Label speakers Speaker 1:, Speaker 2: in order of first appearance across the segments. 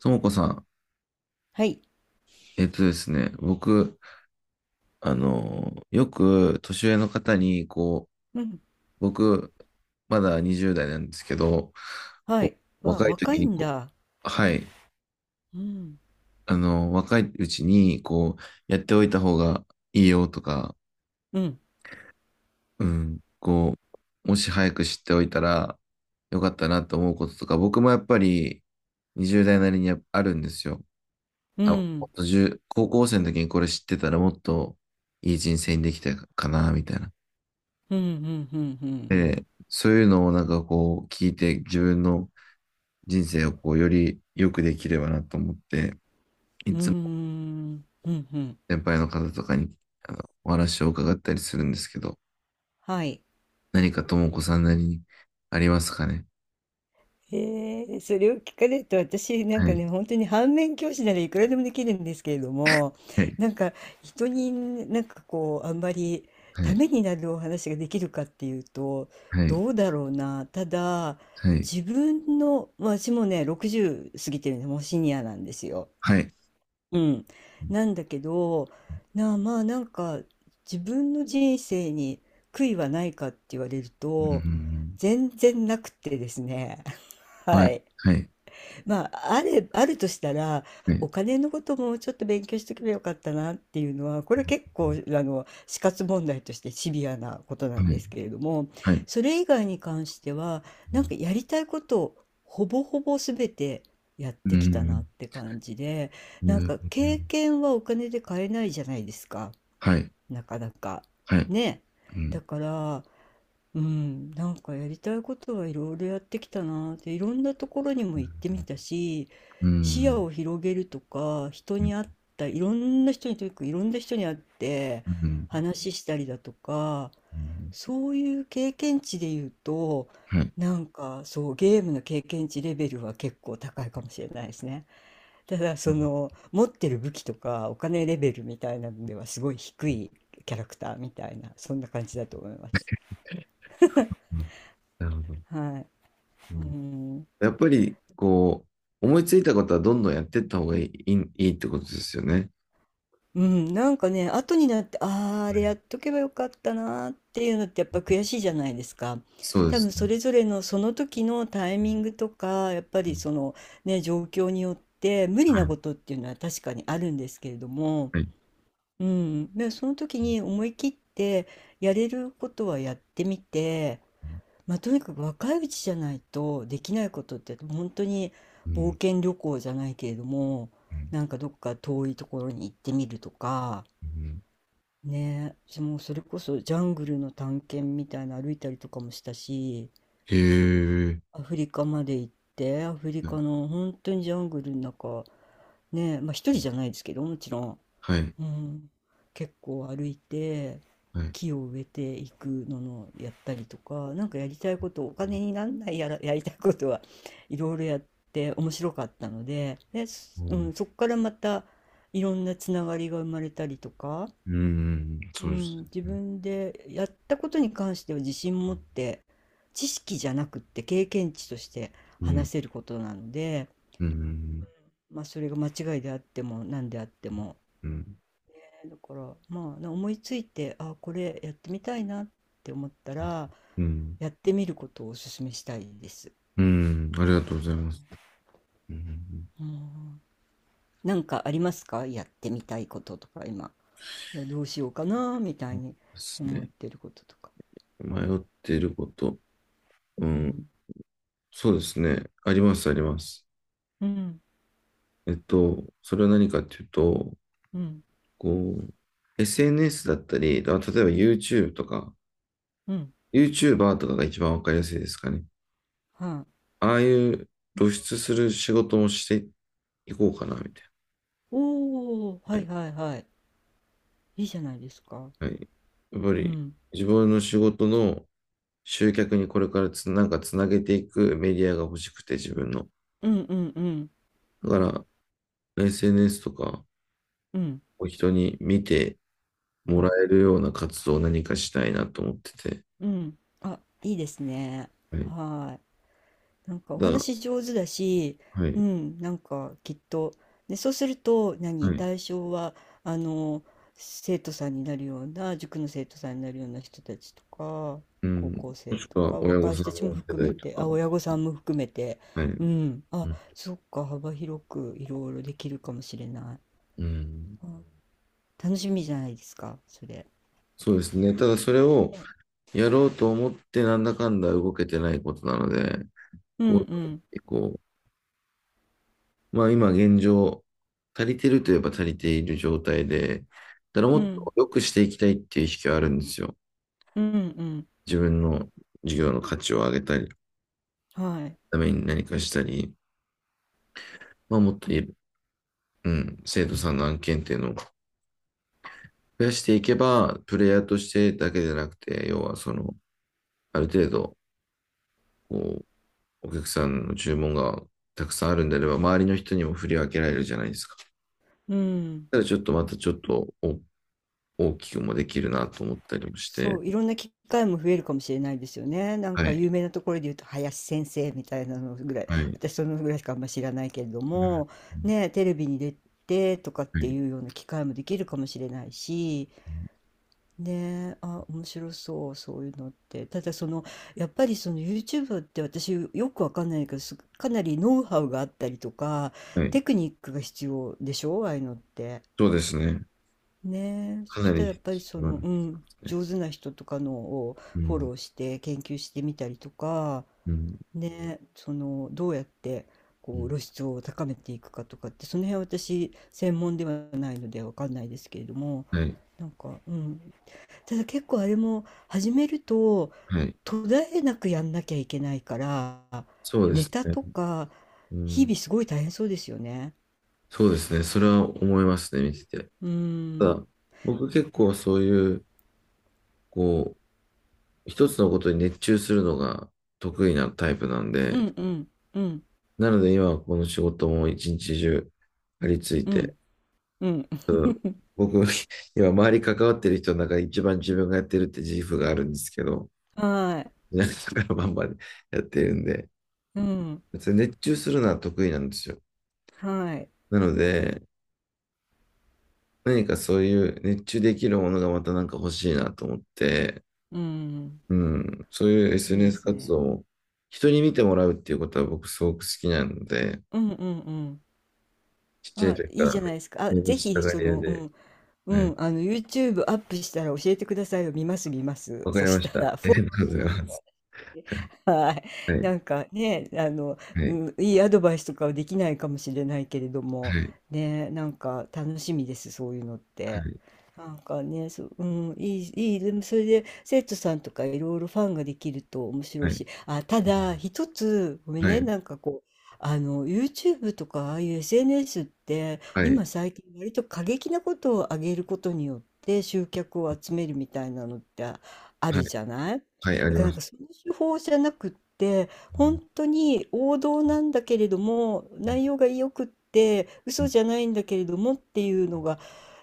Speaker 1: ともこさん、
Speaker 2: はい。
Speaker 1: えっとですね、僕、よく年上の方に、こ
Speaker 2: うん。
Speaker 1: う、僕、まだ20代なんですけど、
Speaker 2: は
Speaker 1: こ
Speaker 2: い。
Speaker 1: う、
Speaker 2: わ、
Speaker 1: 若い
Speaker 2: 若
Speaker 1: 時
Speaker 2: い
Speaker 1: に
Speaker 2: ん
Speaker 1: こ
Speaker 2: だ。
Speaker 1: う、はい、
Speaker 2: うん。
Speaker 1: 若いうちに、こう、やっておいた方がいいよとか、
Speaker 2: うん。
Speaker 1: うん、こう、もし早く知っておいたらよかったなと思うこととか、僕もやっぱり20代なりにやっぱあるんですよ。
Speaker 2: う
Speaker 1: あ、も
Speaker 2: ん。
Speaker 1: っと高校生の時にこれ知ってたら、もっといい人生にできたかな、みたいな。
Speaker 2: うん。うん。うん。
Speaker 1: で、そういうのをなんかこう聞いて自分の人生をこうより良くできればなと思って、い
Speaker 2: う
Speaker 1: つも
Speaker 2: ん。うん。うん。
Speaker 1: 先輩の方とかにあのお話を伺ったりするんですけど、
Speaker 2: はい。
Speaker 1: 何かともこさんなりにありますかね？
Speaker 2: へえ、それを聞かれると私なん
Speaker 1: は
Speaker 2: か
Speaker 1: い、
Speaker 2: ね、本当に反面教師ならいくらでもできるんですけれども、
Speaker 1: はい、
Speaker 2: なんか人になんかこう、あんまり
Speaker 1: は
Speaker 2: た
Speaker 1: い、
Speaker 2: めになるお話ができるかっていうと、
Speaker 1: はい、
Speaker 2: どうだろうな。ただ、
Speaker 1: はい、
Speaker 2: 自分の、まあ私もね、60過ぎてるのもうシニアなんですよ。
Speaker 1: はい、
Speaker 2: うん。なんだけど、なあ、まあなんか自分の人生に悔いはないかって言われる
Speaker 1: う
Speaker 2: と、
Speaker 1: ん、
Speaker 2: 全然なくてですね。
Speaker 1: は
Speaker 2: は
Speaker 1: い、
Speaker 2: い。
Speaker 1: はい、
Speaker 2: まあ、あれ、あるとしたら、
Speaker 1: はい、
Speaker 2: お金のこともちょっと勉強しておけばよかったなっていうのは、これ結構、死活問題としてシビアなことなん
Speaker 1: は
Speaker 2: で
Speaker 1: い、
Speaker 2: すけれども、
Speaker 1: はい、う
Speaker 2: それ以外に関しては、なんかやりたいことをほぼほぼ全てやってきたな
Speaker 1: ん、
Speaker 2: って感じで、
Speaker 1: う
Speaker 2: なん
Speaker 1: ん、
Speaker 2: か経験はお金で買えないじゃないですか、
Speaker 1: はい、
Speaker 2: なかなか。
Speaker 1: はい。
Speaker 2: ね。
Speaker 1: う
Speaker 2: だ
Speaker 1: ん、
Speaker 2: から、うん、なんかやりたいことはいろいろやってきたなーって、いろんなところにも行ってみたし、
Speaker 1: う
Speaker 2: 視野
Speaker 1: ん、
Speaker 2: を広げるとか、人
Speaker 1: うん、
Speaker 2: に会ったいろんな人に、とにかくいろんな人に会って
Speaker 1: うん、
Speaker 2: 話したりだとか、
Speaker 1: うん、
Speaker 2: そういう経験値で言うと、
Speaker 1: はい。
Speaker 2: なんかそう、ゲームの経験値レベルは結構高いかもしれないですね。ただ、
Speaker 1: う
Speaker 2: そ
Speaker 1: ん、
Speaker 2: の持ってる武器とかお金レベルみたいなのではすごい低いキャラクターみたいな、そんな感じだと思います。
Speaker 1: うん、なるほど。
Speaker 2: はい。
Speaker 1: う
Speaker 2: う
Speaker 1: ん、
Speaker 2: ん、
Speaker 1: やっぱり、こう、思いついたことはどんどんやっていった方がいい、いいいいってことですよね。
Speaker 2: うん、なんかね、後になって、ああ、あ
Speaker 1: は
Speaker 2: れ
Speaker 1: い、
Speaker 2: やっとけばよかったなーっていうのってやっぱ悔しいじゃないですか。
Speaker 1: そうで
Speaker 2: 多
Speaker 1: す
Speaker 2: 分そ
Speaker 1: ね。
Speaker 2: れぞれのその時のタイミングとか、やっぱ
Speaker 1: う
Speaker 2: り
Speaker 1: ん、
Speaker 2: そのね、状況によって無理
Speaker 1: は
Speaker 2: な
Speaker 1: い、
Speaker 2: ことっていうのは確かにあるんですけれども、
Speaker 1: はい。
Speaker 2: うん、でその時に思い切ってやれることはやってみて、まあ、とにかく若いうちじゃないとできないことって本当に、
Speaker 1: う
Speaker 2: 冒
Speaker 1: ん、
Speaker 2: 険旅行じゃないけれども、
Speaker 1: うん、
Speaker 2: なんかどっか遠いところに行ってみるとか
Speaker 1: うん、
Speaker 2: ね、もうそれこそジャングルの探検みたいな、歩いたりとかもしたし、
Speaker 1: へえ、
Speaker 2: アフリカまで行って、アフリカの本当にジャングルの中、ね、まあ一人じゃないですけどもちろん、
Speaker 1: はい、
Speaker 2: うん、結構歩いて、
Speaker 1: はい。
Speaker 2: 木を植えていくののやったりとか、なんかやりたいことお金になんないやら、やりたいことはいろいろやって面白かったので、で、
Speaker 1: う
Speaker 2: う
Speaker 1: ん、
Speaker 2: ん、そこからまたいろんなつながりが生まれたりとか、
Speaker 1: うん、そ
Speaker 2: う
Speaker 1: うです
Speaker 2: ん、自
Speaker 1: ね。
Speaker 2: 分でやったことに関しては自信持って、知識じゃなくって経験値として
Speaker 1: うん、
Speaker 2: 話せることなので、
Speaker 1: うん、
Speaker 2: まあ、それが間違いであっても何であっても。
Speaker 1: うん、
Speaker 2: だから、まあ、思いついて、あ、これやってみたいなって思ったら、
Speaker 1: うん、うん、
Speaker 2: やってみることをお勧めしたいです。
Speaker 1: うん、ありがとうございます。うん、
Speaker 2: うん、なんかありますか、やってみたいこととか今、いやどうしようかなみた
Speaker 1: そ
Speaker 2: い
Speaker 1: うで
Speaker 2: に
Speaker 1: す
Speaker 2: 思っ
Speaker 1: ね。
Speaker 2: てることとか。
Speaker 1: 迷っていること。う
Speaker 2: う
Speaker 1: ん、
Speaker 2: ん、
Speaker 1: そうですね。あります、あります。
Speaker 2: うん、
Speaker 1: それは何かっていうと、
Speaker 2: うん、
Speaker 1: こう、SNS だったり、あ、例えば YouTube とか、
Speaker 2: うん、
Speaker 1: YouTuber とかが一番わかりやすいですかね。
Speaker 2: はい、
Speaker 1: ああいう露出する仕事もしていこうかな、みたい
Speaker 2: おお、
Speaker 1: な。
Speaker 2: は
Speaker 1: は
Speaker 2: い、
Speaker 1: い。
Speaker 2: はい、はい、いいじゃないですか。
Speaker 1: はい、やっぱ
Speaker 2: う
Speaker 1: り、
Speaker 2: ん、
Speaker 1: 自分の仕事の集客にこれからなんかつなげていくメディアが欲しくて、自分の。
Speaker 2: うん、うん、うん、
Speaker 1: だから、SNS とか、
Speaker 2: うん、
Speaker 1: を人に見て
Speaker 2: う
Speaker 1: もら
Speaker 2: ん、
Speaker 1: えるような活動を何かしたいなと思ってて。
Speaker 2: うん、あ、いいですね。
Speaker 1: はい。
Speaker 2: はい。なんかお
Speaker 1: だ、
Speaker 2: 話上手だし、
Speaker 1: は
Speaker 2: う
Speaker 1: い。
Speaker 2: ん、なんかきっと、で、そうすると、
Speaker 1: は
Speaker 2: 何、
Speaker 1: い。
Speaker 2: 対象は、あの、生徒さんになるような、塾の生徒さんになるような人たちとか、
Speaker 1: う
Speaker 2: 高
Speaker 1: ん。
Speaker 2: 校
Speaker 1: も
Speaker 2: 生
Speaker 1: し
Speaker 2: と
Speaker 1: くは
Speaker 2: か、
Speaker 1: 親御
Speaker 2: 若い
Speaker 1: さ
Speaker 2: 人た
Speaker 1: ん
Speaker 2: ちも
Speaker 1: の世
Speaker 2: 含め
Speaker 1: 代と
Speaker 2: て、
Speaker 1: か。
Speaker 2: あ、親御さんも含めて、
Speaker 1: はい。
Speaker 2: う
Speaker 1: う
Speaker 2: ん、あ、
Speaker 1: ん。
Speaker 2: そっか、幅広くいろいろできるかもしれない。
Speaker 1: うん、
Speaker 2: あ、楽しみじゃないですか、それ。
Speaker 1: そうですね。ただそれを
Speaker 2: ね、
Speaker 1: やろうと思ってなんだかんだ動けてないことなので、
Speaker 2: うん、う
Speaker 1: こ
Speaker 2: ん、
Speaker 1: う、こう、まあ今現状、足りてるといえば足りている状態で、ただも
Speaker 2: う
Speaker 1: っ
Speaker 2: ん、
Speaker 1: と良くしていきたいっていう意識はあるんですよ。
Speaker 2: うん、うん、
Speaker 1: 自分の事業の価値を上げたり、
Speaker 2: はい、
Speaker 1: ために何かしたり、まあもっというん、生徒さんの案件っていうのを増やしていけば、プレイヤーとしてだけでなくて、要はその、ある程度、こう、お客さんの注文がたくさんあるんであれば、周りの人にも振り分けられるじゃないですか。
Speaker 2: うん。
Speaker 1: ただちょっとまたちょっと大きくもできるなと思ったりもして、
Speaker 2: そう、いろんな機会も増えるかもしれないですよね。なん
Speaker 1: は
Speaker 2: か
Speaker 1: い、
Speaker 2: 有名なところで言うと林先生みたいなのぐらい、
Speaker 1: はい、
Speaker 2: 私そのぐらいしかあんま知らないけれど
Speaker 1: うん、
Speaker 2: も、ね、テレビに出てとかっ
Speaker 1: は
Speaker 2: て
Speaker 1: い、
Speaker 2: いうような機会もできるかもしれないし、ね、あ、面白そう、そういうのって。ただその、やっぱりその YouTube って私よくわかんないけど、かなりノウハウがあったりとか、
Speaker 1: はい、
Speaker 2: テクニックが必要でしょ、ああいうのって。
Speaker 1: そうですね。
Speaker 2: ねえ、
Speaker 1: か
Speaker 2: そし
Speaker 1: な
Speaker 2: た
Speaker 1: り
Speaker 2: らやっ
Speaker 1: 必
Speaker 2: ぱりそ
Speaker 1: 要な
Speaker 2: の、
Speaker 1: ん
Speaker 2: う
Speaker 1: で
Speaker 2: ん、
Speaker 1: すね。
Speaker 2: 上手な人とかのを
Speaker 1: う
Speaker 2: フォ
Speaker 1: ん、
Speaker 2: ローして研究してみたりとか、
Speaker 1: うん、
Speaker 2: ねえ、そのどうやって
Speaker 1: う
Speaker 2: こう
Speaker 1: ん、
Speaker 2: 露出を高めていくかとかって、その辺は私専門ではないのでわかんないですけれども、
Speaker 1: はい、
Speaker 2: なんか、うん、ただ結構あれも始めると
Speaker 1: はい、
Speaker 2: 途絶えなくやんなきゃいけないから、
Speaker 1: そうで
Speaker 2: ネ
Speaker 1: す
Speaker 2: タ
Speaker 1: ね。
Speaker 2: とか
Speaker 1: う
Speaker 2: 日
Speaker 1: ん、
Speaker 2: 々すごい大変そうですよね。
Speaker 1: そうですね。それは思いますね、見てて。
Speaker 2: う
Speaker 1: た
Speaker 2: ん、
Speaker 1: だ、僕結構そういう、こう、一つのことに熱中するのが得意なタイプなん
Speaker 2: う
Speaker 1: で、
Speaker 2: ん、うん、うん、
Speaker 1: なので今はこの仕事も一日中張り付い
Speaker 2: う
Speaker 1: て、
Speaker 2: ん、うん、
Speaker 1: 僕、今周り関わってる人の中で一番自分がやってるって自負があるんですけど、
Speaker 2: はい。
Speaker 1: 皆さんからバンバンやってるんで、
Speaker 2: うん。
Speaker 1: 別に熱中するのは得意なんですよ。
Speaker 2: はい。
Speaker 1: なので、何かそういう熱中できるものがまたなんか欲しいなと思って、
Speaker 2: うん。
Speaker 1: うん、そういう
Speaker 2: いいで
Speaker 1: SNS
Speaker 2: す
Speaker 1: 活動
Speaker 2: ね。
Speaker 1: を人に見てもらうっていうことは僕すごく好きなので、
Speaker 2: うん、うん、うん。
Speaker 1: ちっちゃい
Speaker 2: あ、
Speaker 1: 時か
Speaker 2: いいじ
Speaker 1: ら
Speaker 2: ゃないですか。あ、
Speaker 1: 目立
Speaker 2: ぜ
Speaker 1: ちた
Speaker 2: ひ、
Speaker 1: が
Speaker 2: そ
Speaker 1: り屋
Speaker 2: の、う
Speaker 1: で、
Speaker 2: ん、う
Speaker 1: はい。
Speaker 2: ん、YouTube アップしたら教えてくださいよ。見ます、見ます。
Speaker 1: わか
Speaker 2: そ
Speaker 1: り
Speaker 2: し
Speaker 1: ま
Speaker 2: た
Speaker 1: した。あ
Speaker 2: ら、フ
Speaker 1: り
Speaker 2: ォロ
Speaker 1: が
Speaker 2: ー
Speaker 1: とうご
Speaker 2: し
Speaker 1: ざ
Speaker 2: ま
Speaker 1: い
Speaker 2: す。
Speaker 1: ます。
Speaker 2: はい。
Speaker 1: はい、はい、
Speaker 2: なんかね、うん、いいアドバイスとかはできないかもしれないけれども、
Speaker 1: はい、
Speaker 2: ね、なんか楽しみです、そういうのっ
Speaker 1: は
Speaker 2: て。
Speaker 1: い、
Speaker 2: なんかね、そう、うん、いい、いい、でもそれで生徒さんとかいろいろファンができると面白
Speaker 1: は
Speaker 2: い
Speaker 1: い、
Speaker 2: し、あ、ただ一つ、ごめん
Speaker 1: は
Speaker 2: ね、
Speaker 1: い、
Speaker 2: なんかこう、YouTube とかああいう SNS って
Speaker 1: はい、
Speaker 2: 今最近割と過激なことを上げることによって集客を集めるみたいなのってあ
Speaker 1: はい、
Speaker 2: るじゃない。
Speaker 1: はい、あ
Speaker 2: だ
Speaker 1: り
Speaker 2: からな
Speaker 1: ま
Speaker 2: ん
Speaker 1: す。
Speaker 2: かその手法じゃなくって、本当に王道なんだけれども、内容が良くって、嘘じゃないんだけれどもっていうのが、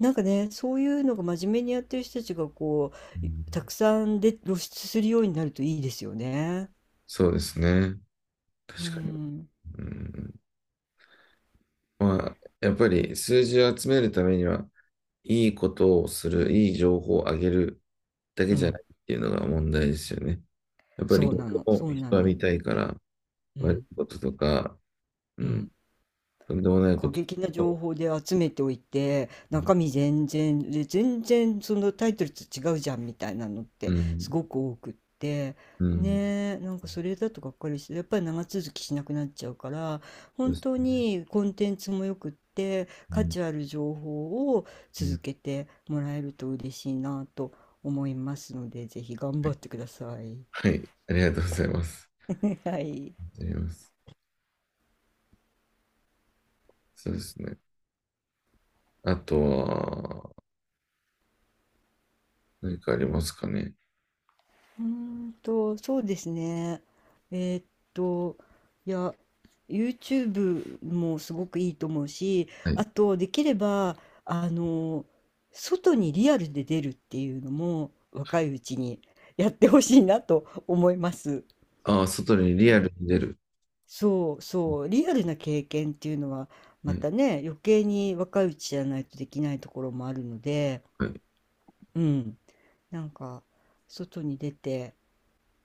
Speaker 2: なんかね、そういうのが真面目にやってる人たちがこ
Speaker 1: う
Speaker 2: う、
Speaker 1: ん、
Speaker 2: たくさんで露出するようになるといいですよね。
Speaker 1: そうですね。
Speaker 2: う
Speaker 1: 確かに。
Speaker 2: ん。
Speaker 1: うん、まあ、やっぱり数字を集めるためには、いいことをする、いい情報をあげるだけ
Speaker 2: う
Speaker 1: じゃな
Speaker 2: ん。
Speaker 1: いっていうのが問題ですよね。やっぱり
Speaker 2: そうな
Speaker 1: 逆
Speaker 2: の、
Speaker 1: も
Speaker 2: そうな
Speaker 1: 人は
Speaker 2: の。
Speaker 1: 見たいから、
Speaker 2: う
Speaker 1: 悪
Speaker 2: ん。
Speaker 1: いこととか、う
Speaker 2: うん。
Speaker 1: ん、とんでもないこ
Speaker 2: 過
Speaker 1: とす
Speaker 2: 激
Speaker 1: る
Speaker 2: な情
Speaker 1: と、
Speaker 2: 報で集めておいて、中身全然で、全然そのタイトルと違うじゃんみたいなのっ
Speaker 1: う
Speaker 2: て
Speaker 1: ん、
Speaker 2: すごく多くって、
Speaker 1: うん、
Speaker 2: ねえ、なんかそれだとがっかりして、やっぱり長続きしなくなっちゃうから、
Speaker 1: そう
Speaker 2: 本
Speaker 1: です
Speaker 2: 当
Speaker 1: ね、
Speaker 2: にコンテンツもよくって
Speaker 1: う
Speaker 2: 価
Speaker 1: ん、
Speaker 2: 値ある情報を
Speaker 1: う
Speaker 2: 続
Speaker 1: ん、
Speaker 2: けてもらえると嬉しいなと思いますので、ぜひ頑
Speaker 1: は
Speaker 2: 張っ
Speaker 1: い、
Speaker 2: てください。
Speaker 1: はい、ありがとうございます。
Speaker 2: はい。
Speaker 1: ありがとうございます。そうですね。あとは、何かありますかね。
Speaker 2: うーそうですね。えーっと、いや、YouTube もすごくいいと思うし、
Speaker 1: は
Speaker 2: あ
Speaker 1: い。
Speaker 2: と、できれば、あの、外にリアルで出るっていうのも、若いうちにやってほしいなと思います。
Speaker 1: ああ、外に
Speaker 2: う
Speaker 1: リアル
Speaker 2: ん。
Speaker 1: に出る。
Speaker 2: そうそう、リアルな経験っていうのは、
Speaker 1: は
Speaker 2: ま
Speaker 1: い。
Speaker 2: たね、余計に若いうちじゃないとできないところもあるので、
Speaker 1: はい。
Speaker 2: うん。なんか、外に出て、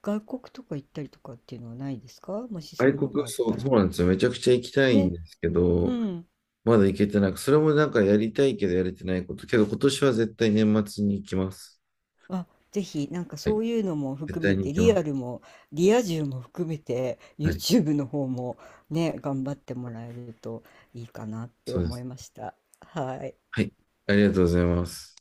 Speaker 2: 外国とか行ったりとかっていうのはないですか？もしそ
Speaker 1: 外
Speaker 2: ういうの
Speaker 1: 国、
Speaker 2: があっ
Speaker 1: そ
Speaker 2: た
Speaker 1: う、そ
Speaker 2: ら。
Speaker 1: うなんですよ。めちゃくちゃ行きたいん
Speaker 2: ね、
Speaker 1: ですけ
Speaker 2: う
Speaker 1: ど、
Speaker 2: ん。
Speaker 1: まだ行けてなく、それもなんかやりたいけどやれてないこと。けど今年は絶対年末に行きます。
Speaker 2: あ、ぜひ、なんか
Speaker 1: はい。
Speaker 2: そういうのも
Speaker 1: 絶
Speaker 2: 含め
Speaker 1: 対に行
Speaker 2: て、
Speaker 1: き
Speaker 2: リ
Speaker 1: ま
Speaker 2: ア
Speaker 1: す。
Speaker 2: ルもリア充も含めて、
Speaker 1: はい。
Speaker 2: YouTube の方もね、頑張ってもらえるといいかなって
Speaker 1: そうで
Speaker 2: 思い
Speaker 1: す。
Speaker 2: ました。はい。
Speaker 1: はい。ありがとうございます。